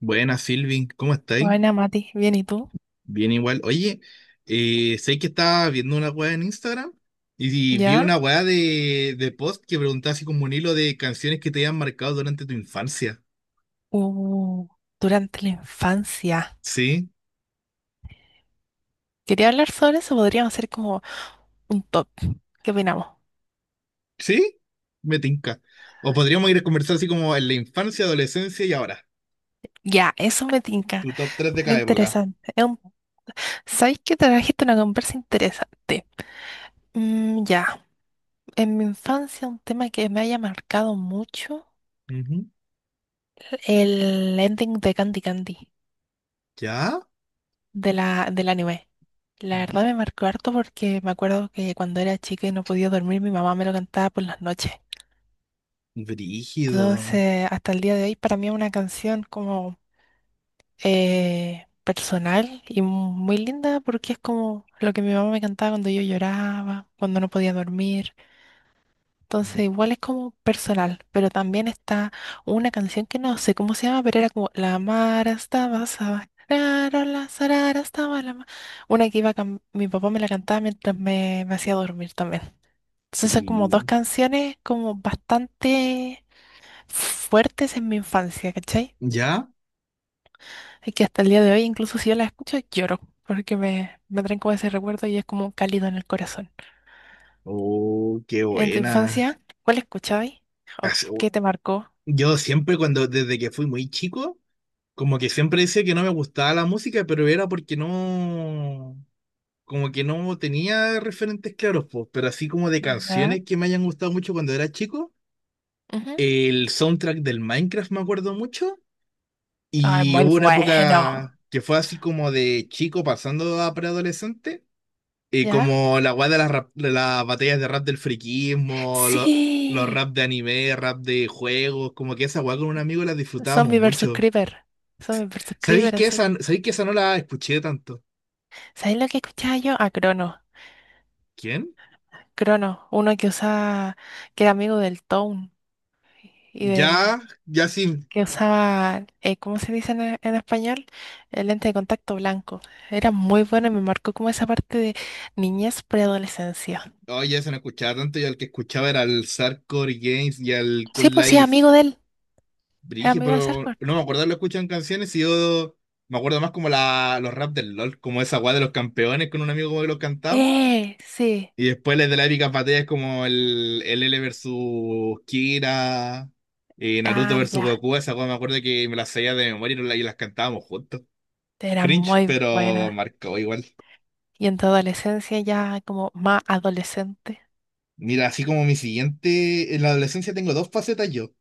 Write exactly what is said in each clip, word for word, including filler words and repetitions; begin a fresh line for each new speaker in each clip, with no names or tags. Buenas, Silvi, ¿cómo estáis?
Buena, Mati. Bien, ¿y tú?
Bien igual. Oye, eh, sé que estaba viendo una weá en Instagram y, vi
¿Ya?
una weá de, de post que preguntaba así como un hilo de canciones que te hayan marcado durante tu infancia.
Uh, durante la infancia.
¿Sí?
Quería hablar sobre eso, podríamos hacer como un top. ¿Qué opinamos?
¿Sí? Me tinca. O podríamos ir a conversar así como en la infancia, adolescencia y ahora.
Ya, eso me tinca.
Tu top tres de
Es
cada época.
interesante. Es un- ¿Sabéis que trajiste una conversa interesante? Mm, ya, en mi infancia un tema que me haya marcado mucho,
Ujú.
el ending de Candy Candy,
¿Ya?
de la, del anime. La verdad me marcó harto porque me acuerdo que cuando era chica y no podía dormir, mi mamá me lo cantaba por las noches.
Brígido.
Entonces, hasta el día de hoy, para mí es una canción como eh, personal y muy linda porque es como lo que mi mamá me cantaba cuando yo lloraba, cuando no podía dormir. Entonces, igual es como personal, pero también está una canción que no sé cómo se llama, pero era como "La Mara estaba saba- rarola, sarara estaba la ma-". Una que iba cam- mi papá me la cantaba mientras me, me hacía dormir también. Entonces, son como dos
Brí-
canciones como bastante fuertes en mi infancia, ¿cachai?
¿Ya?
Y que hasta el día de hoy, incluso si yo las escucho, lloro, porque me, me traen como ese recuerdo y es como cálido en el corazón.
Oh, qué
En tu
buena.
infancia, ¿cuál escuchabas? ¿O
Así-
qué te marcó?
Yo siempre cuando, desde que fui muy chico, como que siempre decía que no me gustaba la música, pero era porque no, como que no tenía referentes claros, po. Pero así como de
¿Ya?
canciones que me hayan gustado mucho cuando era chico,
Ujú.
el soundtrack del Minecraft me acuerdo mucho,
Ay,
y
muy
hubo una
bueno.
época que fue así como de chico pasando a preadolescente, eh,
¿Ya?
como la guay de las, rap- de las batallas de rap del friquismo, lo- los
Sí.
rap de anime, rap de juegos, como que esa guay con un amigo la disfrutábamos
Zombie versus
mucho.
Creeper. Zombie versus
¿Sabéis
Creeper,
que
así.
esa, sabéis que esa no la escuché tanto?
¿Sabes lo que escuchaba yo? A Crono.
¿Quién?
Crono, uno que usaba, que era amigo del Tone y del...
Ya, ya sí.
que usaba, eh, ¿cómo se dice en, en español? El lente de contacto blanco. Era muy bueno y me marcó como esa parte de niñez preadolescencia.
Oye, ya se no escuchaba tanto. Yo al que escuchaba era al Sarcore Games y al
Sí,
Cool
pues sí,
Life
amigo de él, es
Brige,
amigo del
pero
Sarkor.
no me acuerdo, lo escuchan canciones y yo me acuerdo más como la, los rap del LOL, como esa guay de los campeones con un amigo como que los cantamos.
Eh, sí,
Y después les de la épica batalla es como el, el L versus Kira, y Naruto
ah,
versus
ya,
Goku. Esa guay me acuerdo que me las sabía de memoria y no la- y las cantábamos juntos.
era
Cringe,
muy
pero
buena.
marcó igual.
Y en tu adolescencia ya como más adolescente.
Mira, así como mi siguiente, en la adolescencia tengo dos facetas yo.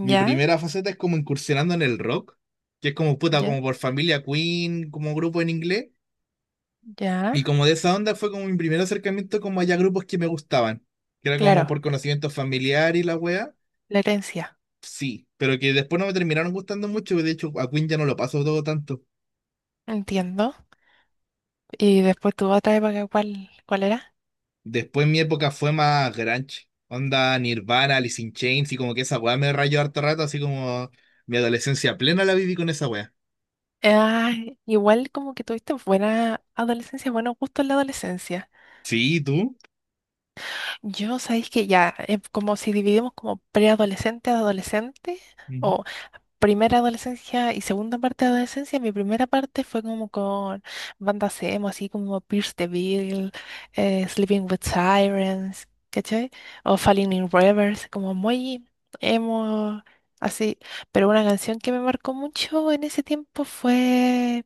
Mi primera faceta es como incursionando en el rock, que es como puta,
ya,
como por familia Queen, como grupo en inglés.
ya.
Y como de esa onda fue como mi primer acercamiento como allá grupos que me gustaban, que era como
Claro,
por conocimiento familiar y la wea.
la herencia,
Sí, pero que después no me terminaron gustando mucho; de hecho, a Queen ya no lo paso todo tanto.
entiendo. Y después tu otra época, ¿cuál, cuál era?
Después mi época fue más grunge, onda Nirvana, Alice in Chains, y como que esa wea me rayó harto rato, así como mi adolescencia plena la viví con esa wea.
Ah, igual como que tuviste buena adolescencia, buenos gustos en la adolescencia.
Sí, ¿tú?
Yo sabéis que ya, es como si dividimos como preadolescente, adolescente,
Ujú.
o primera adolescencia y segunda parte de adolescencia, mi primera parte fue como con bandas emo, así como Pierce the Veil, eh, Sleeping with Sirens, ¿cachai? O Falling in Reverse, como muy emo, así. Pero una canción que me marcó mucho en ese tiempo fue...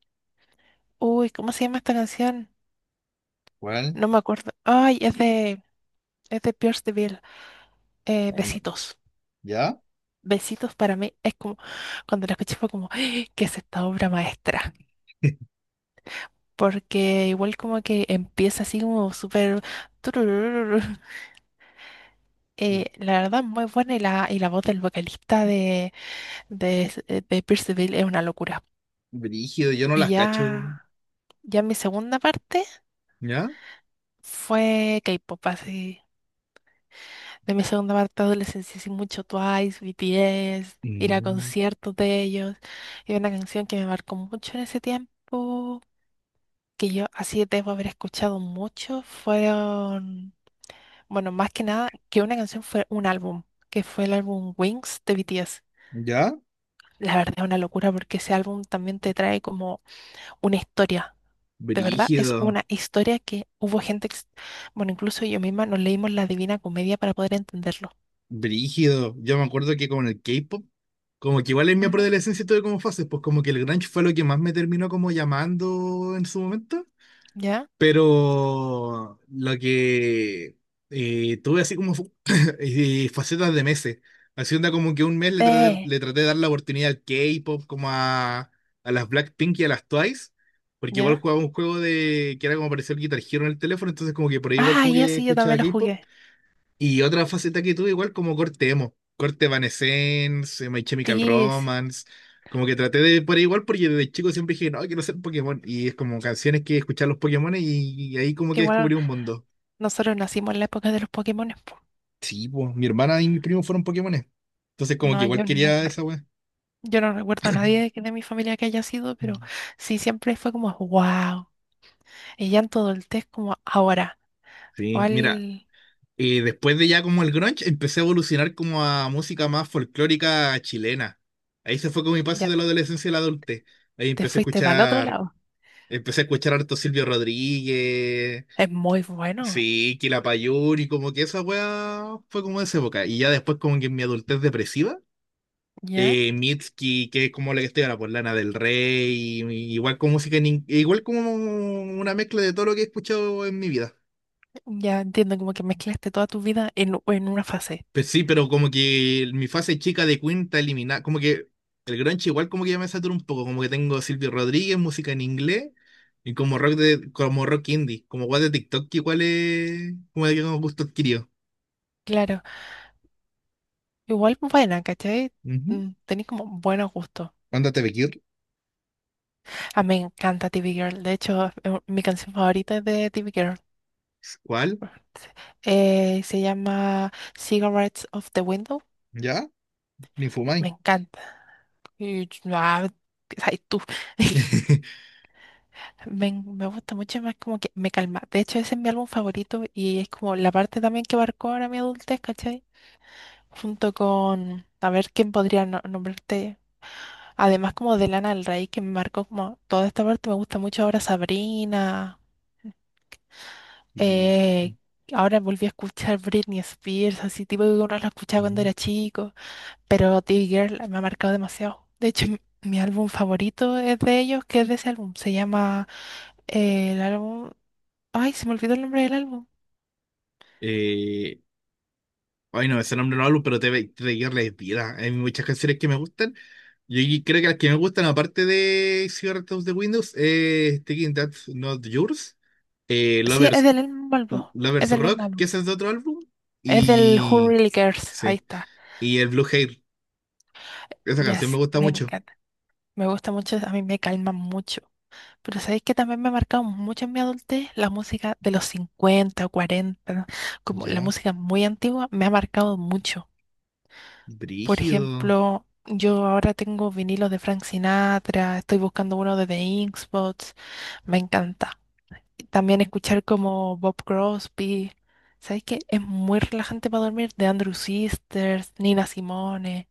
Uy, ¿cómo se llama esta canción?
¿Cuál?
No me acuerdo. Ay, es de, es de Pierce the Veil. Eh,
Ay, no.
Besitos.
¿Ya?
Besitos para mí es como, cuando la escuché fue como, "Ay, ¿qué es esta obra maestra?". Porque igual como que empieza así como súper... tururururu. Eh, la verdad, muy buena y la, y la voz del vocalista de, de, de Pierce the Veil es una locura.
Brígido, yo no
Y
las cacho.
ya, ya mi segunda parte
¿Ya?
fue K-pop, así. De mi segunda parte de adolescencia, sí, mucho Twice, B T S, ir a
Mm.
conciertos de ellos. Y una canción que me marcó mucho en ese tiempo, que yo así debo haber escuchado mucho, fueron, bueno, más que nada, que una canción fue un álbum, que fue el álbum Wings de B T S.
¿Ya?
La verdad es una locura porque ese álbum también te trae como una historia. De verdad, es
Brígido,
una historia que hubo gente, que s- bueno, incluso yo misma nos leímos la Divina Comedia para poder entenderlo.
brígido. Yo me acuerdo que con el K-pop, como que igual en mi
Ujú.
adolescencia tuve como fases, pues como que el grunge fue lo que más me terminó como llamando en su momento.
¿Ya?
Pero lo que eh, tuve así como fu- eh, facetas de meses. Así onda como que un mes le traté,
Sí.
le traté de dar la oportunidad al K-pop, como a, a las Blackpink y a las Twice. Porque igual
¿Ya?
jugaba un juego de que era como pareció el Guitar Hero en el teléfono, entonces como que por ahí igual
Ah,
como
ya
que
sí, yo también
escuchaba
lo
K-pop.
jugué.
Y otra faceta que tuve igual como corte emo, corte Evanescence, eh, My Chemical
Sí, es
Romance, como que traté de por ahí igual porque desde chico siempre dije, no, quiero ser Pokémon, y es como canciones que escuchar los Pokémon y, y ahí como
que
que
igual
descubrí un mundo.
nosotros nacimos en la época de los Pokémones, po.
Sí, pues mi hermana y mi primo fueron Pokémones, entonces como que
No,
igual
yo no,
quería esa wea.
yo no recuerdo a nadie que de mi familia que haya sido,
Mm.
pero sí, siempre fue como, wow. Y ya en todo el test como ahora,
Sí, mira,
¿cuál?
eh, después de ya como el grunge empecé a evolucionar como a música más folclórica chilena. Ahí se fue con mi paso
Ya
de la adolescencia a la adultez. Ahí
te
empecé a
fuiste para el otro
escuchar
lado.
Empecé a escuchar harto Silvio Rodríguez,
Es muy bueno,
sí, Quilapayún Payuri, como que esa weá fue como de esa época. Y ya después, como que en mi adultez depresiva,
¿ya?
eh, Mitski, que es como la que estoy ahora, por Lana del Rey, y- igual con música, en in- igual como una mezcla de todo lo que he escuchado en mi vida.
Ya entiendo como que mezclaste toda tu vida en, en una fase.
Pues sí, pero como que mi fase chica de Queen está eliminada. Como que el grunge igual como que ya me satura un poco. Como que tengo Silvio Rodríguez, música en inglés, y como rock de, como rock indie, como guay de TikTok, que igual es como de que como gusto adquirido.
Claro, igual buena, ¿cachai?
Ujú.
Mm, tenés como buenos gustos.
Ándate, Bekir.
Ah, me encanta T V Girl. De hecho, es u- mi canción favorita es de T V Girl.
¿Cuál?
Eh, se llama Cigarettes of the Window.
¿Ya? Ni
Me
fumáis.
encanta. Y, ch- ah, ay, tú. Me, en- me gusta mucho más como que me calma. De hecho, ese es mi álbum favorito y es como la parte también que marcó ahora mi adultez, ¿cachai? Junto con, a ver, ¿quién podría no- nombrarte? Además como de Lana del Rey, que me marcó como toda esta parte, me gusta mucho ahora Sabrina. Eh,
Y-
ahora volví a escuchar Britney Spears, así tipo que uno la escuchaba cuando era chico, pero The Girl me ha marcado demasiado. De hecho, m- mi álbum favorito es de ellos, que es de ese álbum. Se llama eh, el álbum... Ay, se me olvidó el nombre del álbum.
eh, Ay, no, ese nombre no hablo, pero te, te es vida. Hay muchas canciones que me gustan. Yo y- creo que las que me gustan, aparte de Cigarettes de Windows, es Thinking That's Not Yours, eh,
Sí, es
Lovers,
del mismo álbum. Es
Lovers
del
Rock,
mismo
que
álbum.
ese es de otro álbum,
Es del Who
y
Really Cares. Ahí
sí,
está.
y el Blue Hair. Esa
Ya,
canción me
sí,
gusta
me
mucho.
encanta. Me gusta mucho, a mí me calma mucho. Pero sabéis que también me ha marcado mucho en mi adultez la música de los cincuenta o cuarenta, como la
Ya.
música muy antigua, me ha marcado mucho. Por
Brígido,
ejemplo, yo ahora tengo vinilos de Frank Sinatra, estoy buscando uno de The Ink Spots, me encanta. También escuchar como Bob Crosby, sabéis que es muy relajante para dormir, de Andrew Sisters, Nina Simone,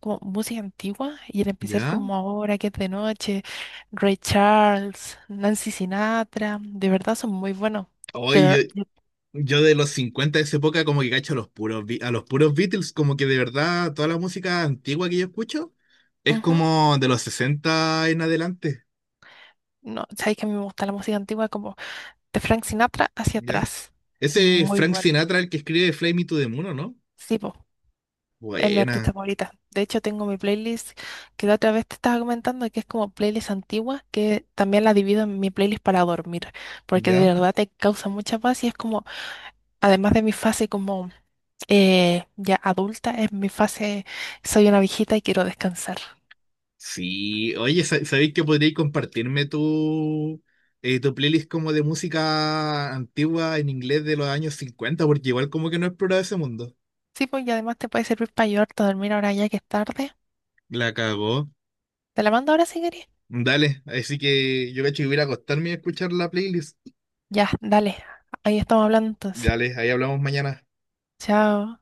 como música antigua y en especial
¿ya?
como ahora que es de noche, Ray Charles, Nancy Sinatra, de verdad son muy buenos. Pero,
¡Oye!
yo-
Yo de los cincuenta de esa época como que cacho a los puros, Be- a los puros Beatles, como que de verdad toda la música antigua que yo escucho es
ujú,
como de los sesenta en adelante,
no, sabéis que a mí me gusta la música antigua como de Frank Sinatra hacia
¿ya?
atrás.
Ese
Muy
Frank
buena.
Sinatra el que escribe Fly Me to the Moon, ¿o no?
Sí, po, es mi artista
Buena,
favorita. De hecho, tengo mi playlist que la otra vez te estaba comentando que es como playlist antigua, que también la divido en mi playlist para dormir, porque de
¿ya?
verdad te causa mucha paz y es como, además de mi fase como eh, ya adulta, es mi fase, soy una viejita y quiero descansar.
Sí, oye, sa- ¿sabéis que podríais compartirme tu, eh, tu playlist como de música antigua en inglés de los años cincuenta? Porque igual como que no he explorado ese mundo.
Sí, pues y además te puede servir para ayudarte a dormir ahora ya que es tarde.
La cagó.
¿Te la mando ahora si querés?
Dale, así que yo cacho que voy a ir a acostarme y a escuchar la playlist.
Ya, dale. Ahí estamos hablando entonces.
Dale, ahí hablamos mañana.
Chao.